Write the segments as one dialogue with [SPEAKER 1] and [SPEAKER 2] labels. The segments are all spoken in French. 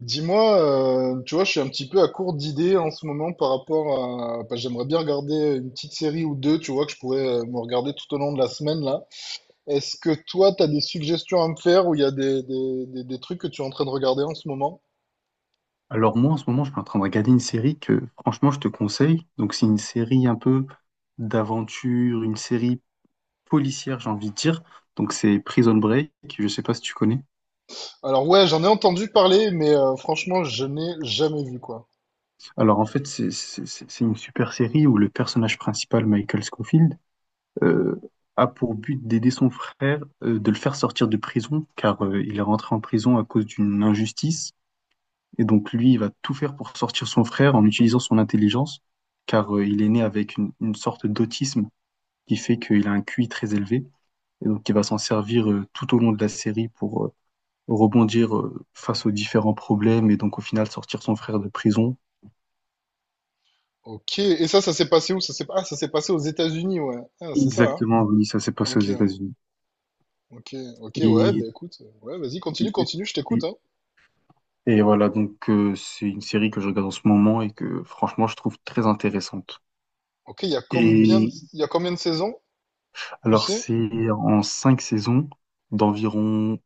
[SPEAKER 1] Dis-moi, tu vois, je suis un petit peu à court d'idées en ce moment. Parce que j'aimerais bien regarder une petite série ou deux, tu vois, que je pourrais me regarder tout au long de la semaine, là. Est-ce que toi, t'as des suggestions à me faire ou il y a des trucs que tu es en train de regarder en ce moment?
[SPEAKER 2] Alors moi, en ce moment, je suis en train de regarder une série que, franchement, je te conseille. Donc c'est une série un peu d'aventure, une série policière, j'ai envie de dire. Donc c'est Prison Break, je sais pas si tu connais.
[SPEAKER 1] Alors ouais, j'en ai entendu parler, mais franchement, je n'ai jamais vu, quoi.
[SPEAKER 2] Alors en fait, c'est une super série où le personnage principal, Michael Scofield, euh, a pour but d'aider son frère, de le faire sortir de prison, car il est rentré en prison à cause d'une injustice. Et donc lui, il va tout faire pour sortir son frère en utilisant son intelligence, car il est né avec une sorte d'autisme qui fait qu'il a un QI très élevé et donc il va s'en servir tout au long de la série pour rebondir face aux différents problèmes et donc au final sortir son frère de prison.
[SPEAKER 1] Ok, et ça s'est passé où? Ah, ça s'est passé aux États-Unis, ouais. Ah, c'est ça, hein?
[SPEAKER 2] Exactement, oui, ça s'est passé aux
[SPEAKER 1] Ok,
[SPEAKER 2] États-Unis.
[SPEAKER 1] ok, ok, ouais, bah
[SPEAKER 2] Et,
[SPEAKER 1] écoute, ouais, vas-y, continue, continue, je t'écoute,
[SPEAKER 2] et,
[SPEAKER 1] hein.
[SPEAKER 2] et voilà, donc c'est une série que je regarde en ce moment et que franchement je trouve très intéressante.
[SPEAKER 1] Ok,
[SPEAKER 2] Et
[SPEAKER 1] il y a combien de saisons? Tu
[SPEAKER 2] alors
[SPEAKER 1] sais?
[SPEAKER 2] c'est en cinq saisons d'environ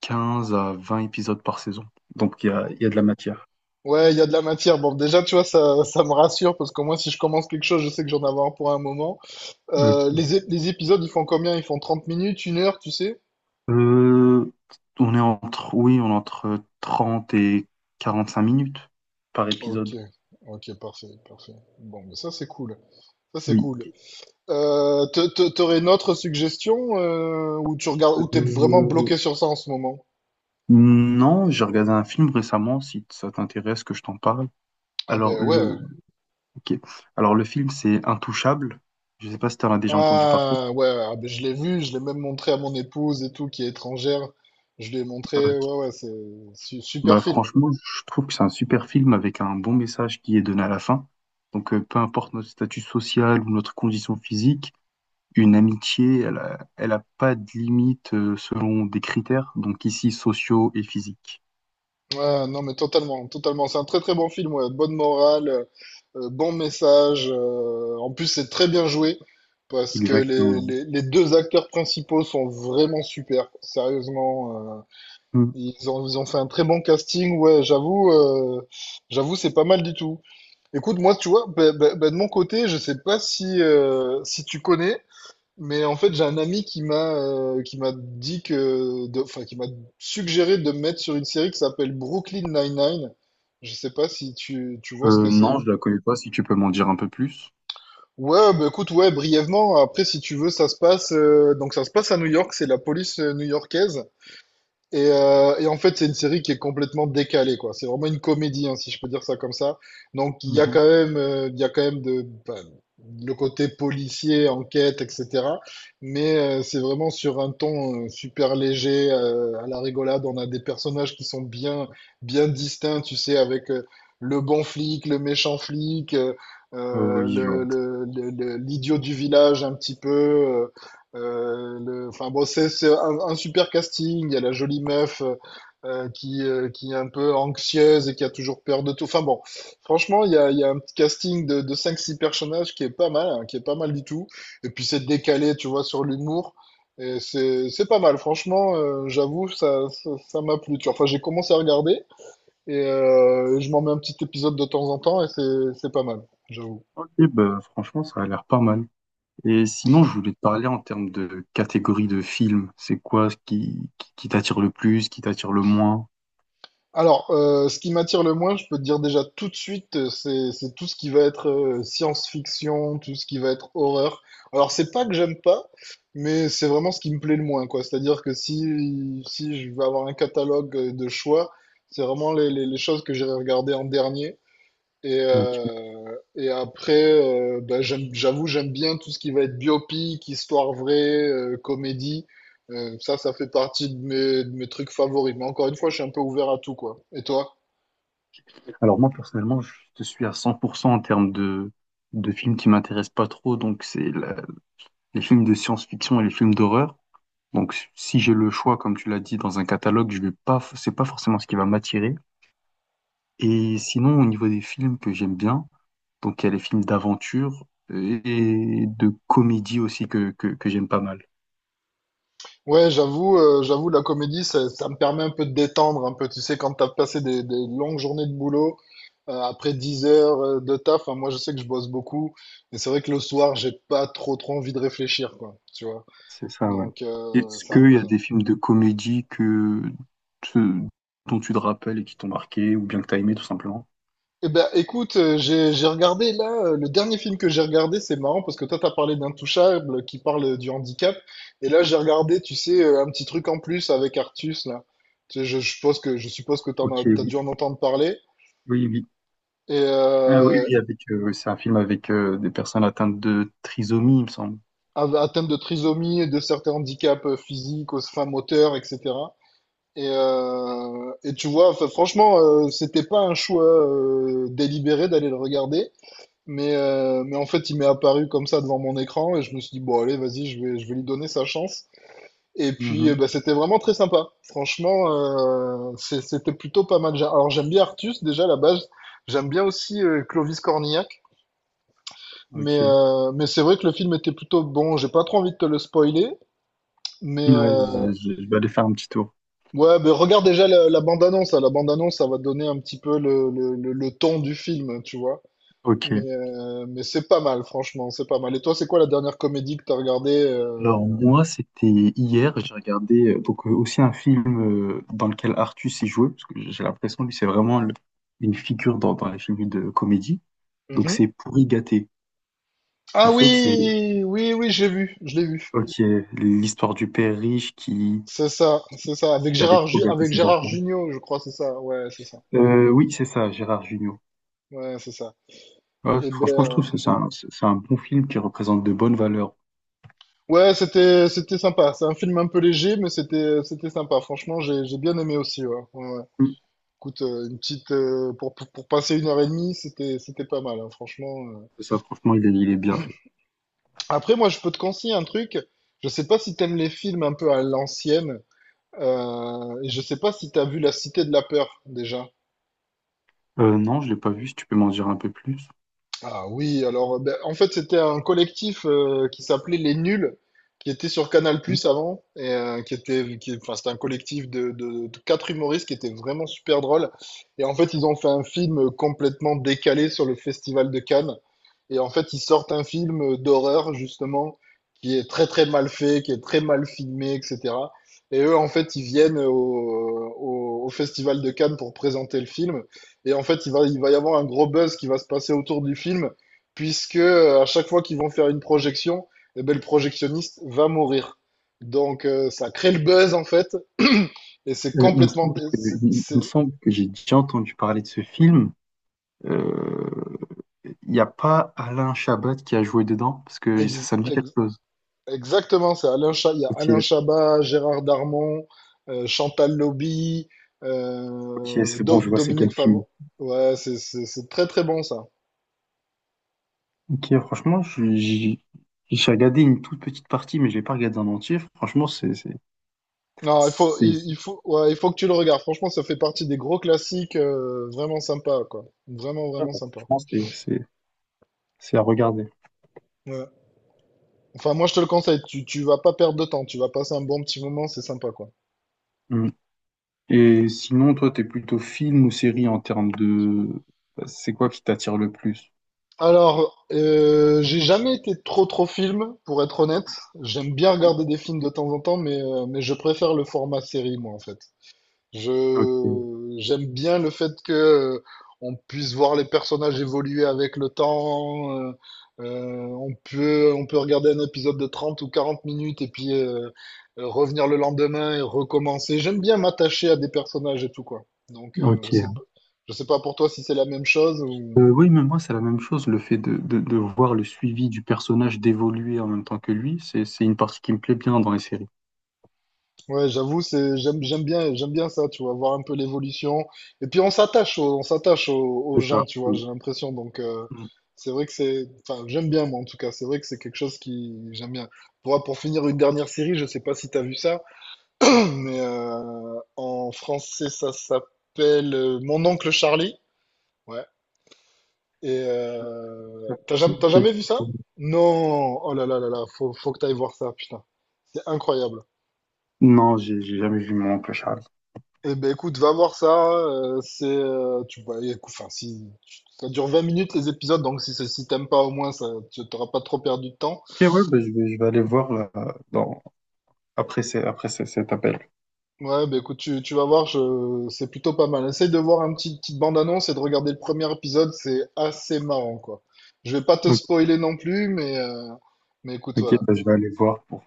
[SPEAKER 2] 15 à 20 épisodes par saison. Donc il y a de la matière.
[SPEAKER 1] Ouais, il y a de la matière. Bon, déjà, tu vois, ça me rassure parce qu'au moins, si je commence quelque chose, je sais que j'en avoir pour un moment. Euh,
[SPEAKER 2] Ok.
[SPEAKER 1] les, ép- les épisodes, ils font combien? Ils font 30 minutes, 1 heure, tu sais?
[SPEAKER 2] Euh, oui, on est entre 30 et 45 minutes par
[SPEAKER 1] Ok,
[SPEAKER 2] épisode.
[SPEAKER 1] ok, parfait, parfait. Bon, mais ça, c'est cool. Ça, c'est
[SPEAKER 2] Oui.
[SPEAKER 1] cool. T'aurais une autre suggestion ou tu regardes, ou t'es vraiment
[SPEAKER 2] Euh,
[SPEAKER 1] bloqué sur ça en ce moment?
[SPEAKER 2] non, j'ai regardé un film récemment, si ça t'intéresse que je t'en parle.
[SPEAKER 1] Ah ben
[SPEAKER 2] Alors le,
[SPEAKER 1] ouais.
[SPEAKER 2] ok. Alors le film, c'est Intouchable. Je sais pas si tu en as déjà entendu parler.
[SPEAKER 1] Ah ouais, ah ben, je l'ai vu, je l'ai même montré à mon épouse et tout, qui est étrangère. Je lui ai
[SPEAKER 2] Ok.
[SPEAKER 1] montré, ouais, ouais, c'est super
[SPEAKER 2] Bah
[SPEAKER 1] film.
[SPEAKER 2] franchement, je trouve que c'est un super film avec un bon message qui est donné à la fin. Donc peu importe notre statut social ou notre condition physique, une amitié, elle a pas de limite selon des critères, donc ici sociaux et physiques.
[SPEAKER 1] Ouais, non, mais totalement, totalement. C'est un très très bon film, ouais. Bonne morale, bon message. En plus, c'est très bien joué parce que les,
[SPEAKER 2] Exactement.
[SPEAKER 1] les, les deux acteurs principaux sont vraiment super. Sérieusement,
[SPEAKER 2] Mm.
[SPEAKER 1] ils ont fait un très bon casting. Ouais, j'avoue, c'est pas mal du tout. Écoute, moi, tu vois, ben, de mon côté, je sais pas si tu connais. Mais en fait, j'ai un ami qui m'a dit que, enfin, qui m'a suggéré de me mettre sur une série qui s'appelle Brooklyn Nine-Nine. Je sais pas si tu vois ce que c'est.
[SPEAKER 2] Non, je la connais pas, si tu peux m'en dire un peu plus.
[SPEAKER 1] Ouais, bah écoute, ouais, brièvement. Après, si tu veux, ça se passe, donc ça se passe à New York. C'est la police new-yorkaise. Et en fait, c'est une série qui est complètement décalée, quoi. C'est vraiment une comédie, hein, si je peux dire ça comme ça. Donc, il y a
[SPEAKER 2] Mhm.
[SPEAKER 1] quand même, il y a quand même le côté policier, enquête, etc. Mais c'est vraiment sur un ton super léger, à la rigolade. On a des personnages qui sont bien, bien distincts, tu sais, avec le bon flic, le méchant flic,
[SPEAKER 2] Oui, je vois.
[SPEAKER 1] l'idiot du village un petit peu. Enfin bon, c'est un super casting. Il y a la jolie meuf qui est un peu anxieuse et qui a toujours peur de tout. Enfin bon, franchement, il y a un petit casting de 5-6 personnages qui est pas mal, hein, qui est pas mal du tout. Et puis c'est décalé, tu vois, sur l'humour. Et c'est pas mal, franchement, j'avoue, ça m'a plu. Tu vois. Enfin, j'ai commencé à regarder et je m'en mets un petit épisode de temps en temps et c'est pas mal, j'avoue.
[SPEAKER 2] Ok, bah, franchement, ça a l'air pas mal. Et sinon, je voulais te parler en termes de catégorie de films. C'est quoi ce qui t'attire le plus, qui t'attire le moins?
[SPEAKER 1] Alors, ce qui m'attire le moins, je peux te dire déjà tout de suite, c'est tout ce qui va être science-fiction, tout ce qui va être horreur. Alors, c'est pas que j'aime pas, mais c'est vraiment ce qui me plaît le moins, quoi. C'est-à-dire que si je vais avoir un catalogue de choix, c'est vraiment les choses que j'irai regarder en dernier. Et,
[SPEAKER 2] Ok.
[SPEAKER 1] euh, et après, bah, j'avoue, j'aime bien tout ce qui va être biopic, histoire vraie, comédie. Ça, ça fait partie de mes trucs favoris. Mais encore une fois, je suis un peu ouvert à tout, quoi. Et toi?
[SPEAKER 2] Alors moi, personnellement, je te suis à 100% en termes de films qui m'intéressent pas trop, donc c'est les films de science-fiction et les films d'horreur. Donc, si j'ai le choix, comme tu l'as dit, dans un catalogue, je vais pas, c'est pas forcément ce qui va m'attirer. Et sinon, au niveau des films que j'aime bien, donc il y a les films d'aventure et de comédie aussi que j'aime pas mal.
[SPEAKER 1] Ouais, j'avoue, la comédie, ça me permet un peu de détendre, un peu. Tu sais, quand t'as passé des longues journées de boulot, après 10 heures de taf, hein, moi, je sais que je bosse beaucoup. Mais c'est vrai que le soir, j'ai pas trop, trop envie de réfléchir, quoi. Tu vois?
[SPEAKER 2] C'est ça, ouais.
[SPEAKER 1] Donc,
[SPEAKER 2] Est-ce
[SPEAKER 1] c'est un
[SPEAKER 2] qu'il y
[SPEAKER 1] peu
[SPEAKER 2] a
[SPEAKER 1] ça.
[SPEAKER 2] des films de comédie te- dont tu te rappelles et qui t'ont marqué ou bien que t'as aimé tout simplement?
[SPEAKER 1] Eh ben, écoute, j'ai regardé là, le dernier film que j'ai regardé, c'est marrant parce que toi, t'as parlé d'Intouchable qui parle du handicap. Et là, j'ai regardé, tu sais, un petit truc en plus avec Artus, là. Tu sais, je suppose que,
[SPEAKER 2] Ok,
[SPEAKER 1] t'as dû
[SPEAKER 2] oui,
[SPEAKER 1] en entendre parler.
[SPEAKER 2] oui, oui.
[SPEAKER 1] Et
[SPEAKER 2] Ah oui, oui, c'est un film avec des personnes atteintes de trisomie, il me semble.
[SPEAKER 1] atteinte de trisomie, et de certains handicaps physiques, enfin moteurs, etc. Et tu vois, enfin, franchement, c'était pas un choix délibéré d'aller le regarder. Mais en fait, il m'est apparu comme ça devant mon écran et je me suis dit, bon, allez, vas-y, je vais lui donner sa chance. Et puis,
[SPEAKER 2] Mhm,
[SPEAKER 1] bah, c'était vraiment très sympa. Franchement, c'était plutôt pas mal. Alors, j'aime bien Artus, déjà, à la base. J'aime bien aussi Clovis Cornillac. Mais,
[SPEAKER 2] ok.
[SPEAKER 1] euh, mais c'est vrai que le film était plutôt bon. J'ai pas trop envie de te le spoiler. Mais
[SPEAKER 2] Ouais,
[SPEAKER 1] euh,
[SPEAKER 2] je vais aller faire un petit tour.
[SPEAKER 1] ouais, bah, regarde déjà la bande-annonce, hein. La bande-annonce, ça va donner un petit peu le ton du film, tu vois.
[SPEAKER 2] Ok.
[SPEAKER 1] Mais c'est pas mal, franchement, c'est pas mal. Et toi, c'est quoi la dernière comédie que t'as regardée
[SPEAKER 2] Alors
[SPEAKER 1] euh,
[SPEAKER 2] moi, c'était hier, j'ai regardé donc aussi un film dans lequel Artus est joué, parce que j'ai l'impression lui c'est vraiment une figure dans les films de comédie. Donc
[SPEAKER 1] Mhm.
[SPEAKER 2] c'est Pourri gâté.
[SPEAKER 1] Ah
[SPEAKER 2] En fait, c'est,
[SPEAKER 1] oui, oui, oui, j'ai vu, je l'ai vu.
[SPEAKER 2] ok, l'histoire du père riche qui
[SPEAKER 1] C'est ça, c'est ça. Avec
[SPEAKER 2] avait trop gâté ses
[SPEAKER 1] Gérard
[SPEAKER 2] enfants.
[SPEAKER 1] Jugnot, je crois, c'est ça. Ouais, c'est ça.
[SPEAKER 2] Oui, c'est ça, Gérard Jugnot.
[SPEAKER 1] Ouais, c'est ça.
[SPEAKER 2] Ouais,
[SPEAKER 1] Et ben,
[SPEAKER 2] franchement, je trouve que c'est un bon film qui représente de bonnes valeurs.
[SPEAKER 1] ouais, c'était sympa. C'est un film un peu léger, mais c'était sympa. Franchement, j'ai bien aimé aussi. Ouais. Ouais, ouais.
[SPEAKER 2] Mm.
[SPEAKER 1] Écoute, une petite, pour passer une heure et demie, c'était pas mal, hein, franchement.
[SPEAKER 2] C'est ça, franchement, il est bien fait.
[SPEAKER 1] Après, moi, je peux te conseiller un truc. Je sais pas si t'aimes les films un peu à l'ancienne. Et je sais pas si tu as vu La Cité de la Peur déjà.
[SPEAKER 2] Non, je l'ai pas vu. Si tu peux m'en dire un peu plus.
[SPEAKER 1] Ah oui, alors ben, en fait c'était un collectif qui s'appelait Les Nuls, qui était sur Canal+ avant, et enfin c'était un collectif de quatre humoristes qui étaient vraiment super drôles. Et en fait ils ont fait un film complètement décalé sur le Festival de Cannes. Et en fait ils sortent un film d'horreur justement qui est très très mal fait, qui est très mal filmé, etc. Et eux en fait ils viennent au Festival de Cannes pour présenter le film. Et en fait, il va y avoir un gros buzz qui va se passer autour du film, puisque à chaque fois qu'ils vont faire une projection, eh ben, le projectionniste va mourir. Donc ça crée le buzz en fait, et c'est
[SPEAKER 2] Euh, il me
[SPEAKER 1] complètement...
[SPEAKER 2] semble que, il me semble que j'ai déjà entendu parler de ce film. Euh, Il n'y a pas Alain Chabat qui a joué dedans, parce que ça,
[SPEAKER 1] Ex-
[SPEAKER 2] ça me dit quelque
[SPEAKER 1] ex-
[SPEAKER 2] chose.
[SPEAKER 1] exactement, c'est il y a
[SPEAKER 2] Ok,
[SPEAKER 1] Alain Chabat, Gérard Darmon, Chantal Lobby,
[SPEAKER 2] ok, c'est bon, je vois c'est quel
[SPEAKER 1] Dominique
[SPEAKER 2] film.
[SPEAKER 1] Favreau. Ouais, c'est très très bon ça.
[SPEAKER 2] Ok, franchement, j'ai regardé une toute petite partie, mais je l'ai pas regardé en entier. Franchement,
[SPEAKER 1] Non, il faut,
[SPEAKER 2] c'est
[SPEAKER 1] il,
[SPEAKER 2] c'est-
[SPEAKER 1] il faut, ouais, il faut que tu le regardes. Franchement, ça fait partie des gros classiques vraiment sympa, quoi. Vraiment, vraiment sympa.
[SPEAKER 2] franchement, c'est- c'est- c'est à regarder.
[SPEAKER 1] Ouais. Enfin, moi, je te le conseille. Tu vas pas perdre de temps. Tu vas passer un bon petit moment. C'est sympa, quoi.
[SPEAKER 2] Mm. Et sinon, toi, t'es plutôt film ou série en termes de. C'est quoi qui t'attire le plus?
[SPEAKER 1] Alors, j'ai jamais été trop, trop film, pour être honnête. J'aime bien regarder des films de temps en temps, mais je préfère le format série, moi, en fait.
[SPEAKER 2] Ok,
[SPEAKER 1] Je j'aime bien le fait que on puisse voir les personnages évoluer avec le temps. On peut regarder un épisode de 30 ou 40 minutes et puis revenir le lendemain et recommencer. J'aime bien m'attacher à des personnages et tout quoi. Donc je sais
[SPEAKER 2] ok.
[SPEAKER 1] pas je sais pas pour toi si c'est la même chose ou
[SPEAKER 2] Oui, mais moi, c'est la même chose. Le fait de voir le suivi du personnage d'évoluer en même temps que lui, c'est une partie qui me plaît bien dans les séries.
[SPEAKER 1] Ouais, j'avoue, c'est j'aime j'aime bien ça, tu vois, voir un peu l'évolution. Et puis on s'attache aux
[SPEAKER 2] C'est ça,
[SPEAKER 1] gens, tu vois, j'ai
[SPEAKER 2] oui.
[SPEAKER 1] l'impression. Donc
[SPEAKER 2] Mm.
[SPEAKER 1] c'est vrai que enfin j'aime bien moi en tout cas. C'est vrai que c'est quelque chose qui j'aime bien. Pour finir une dernière série, je sais pas si t'as vu ça, mais en français ça s'appelle Mon oncle Charlie. Ouais. Et
[SPEAKER 2] Ça
[SPEAKER 1] t'as jamais
[SPEAKER 2] dit
[SPEAKER 1] t'as
[SPEAKER 2] quelque
[SPEAKER 1] jamais vu ça?
[SPEAKER 2] chose.
[SPEAKER 1] Non. Oh là là là là, faut que t'ailles voir ça, putain. C'est incroyable.
[SPEAKER 2] Non, j'ai jamais vu Mon oncle Charlie.
[SPEAKER 1] Eh ben écoute, va voir ça. Tu vois, enfin si ça dure 20 minutes les épisodes, donc si t'aimes pas au moins, ça, tu t'auras pas trop perdu de temps.
[SPEAKER 2] Ok, ouais, bah, je vais aller voir là, dans, après ces- cet appel.
[SPEAKER 1] Ouais, ben écoute, tu vas voir, c'est plutôt pas mal. Essaye de voir un petite bande-annonce et de regarder le premier épisode, c'est assez marrant quoi. Je vais pas te
[SPEAKER 2] Ok,
[SPEAKER 1] spoiler non plus, mais écoute
[SPEAKER 2] ok,
[SPEAKER 1] voilà.
[SPEAKER 2] bah, je vais aller voir pour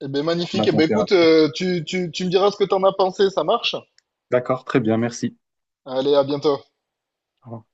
[SPEAKER 1] Eh ben
[SPEAKER 2] prendre
[SPEAKER 1] magnifique.
[SPEAKER 2] la
[SPEAKER 1] Eh ben écoute,
[SPEAKER 2] température.
[SPEAKER 1] tu me diras ce que t'en as pensé, ça marche?
[SPEAKER 2] D'accord, très bien, merci.
[SPEAKER 1] Allez, à bientôt.
[SPEAKER 2] Au revoir.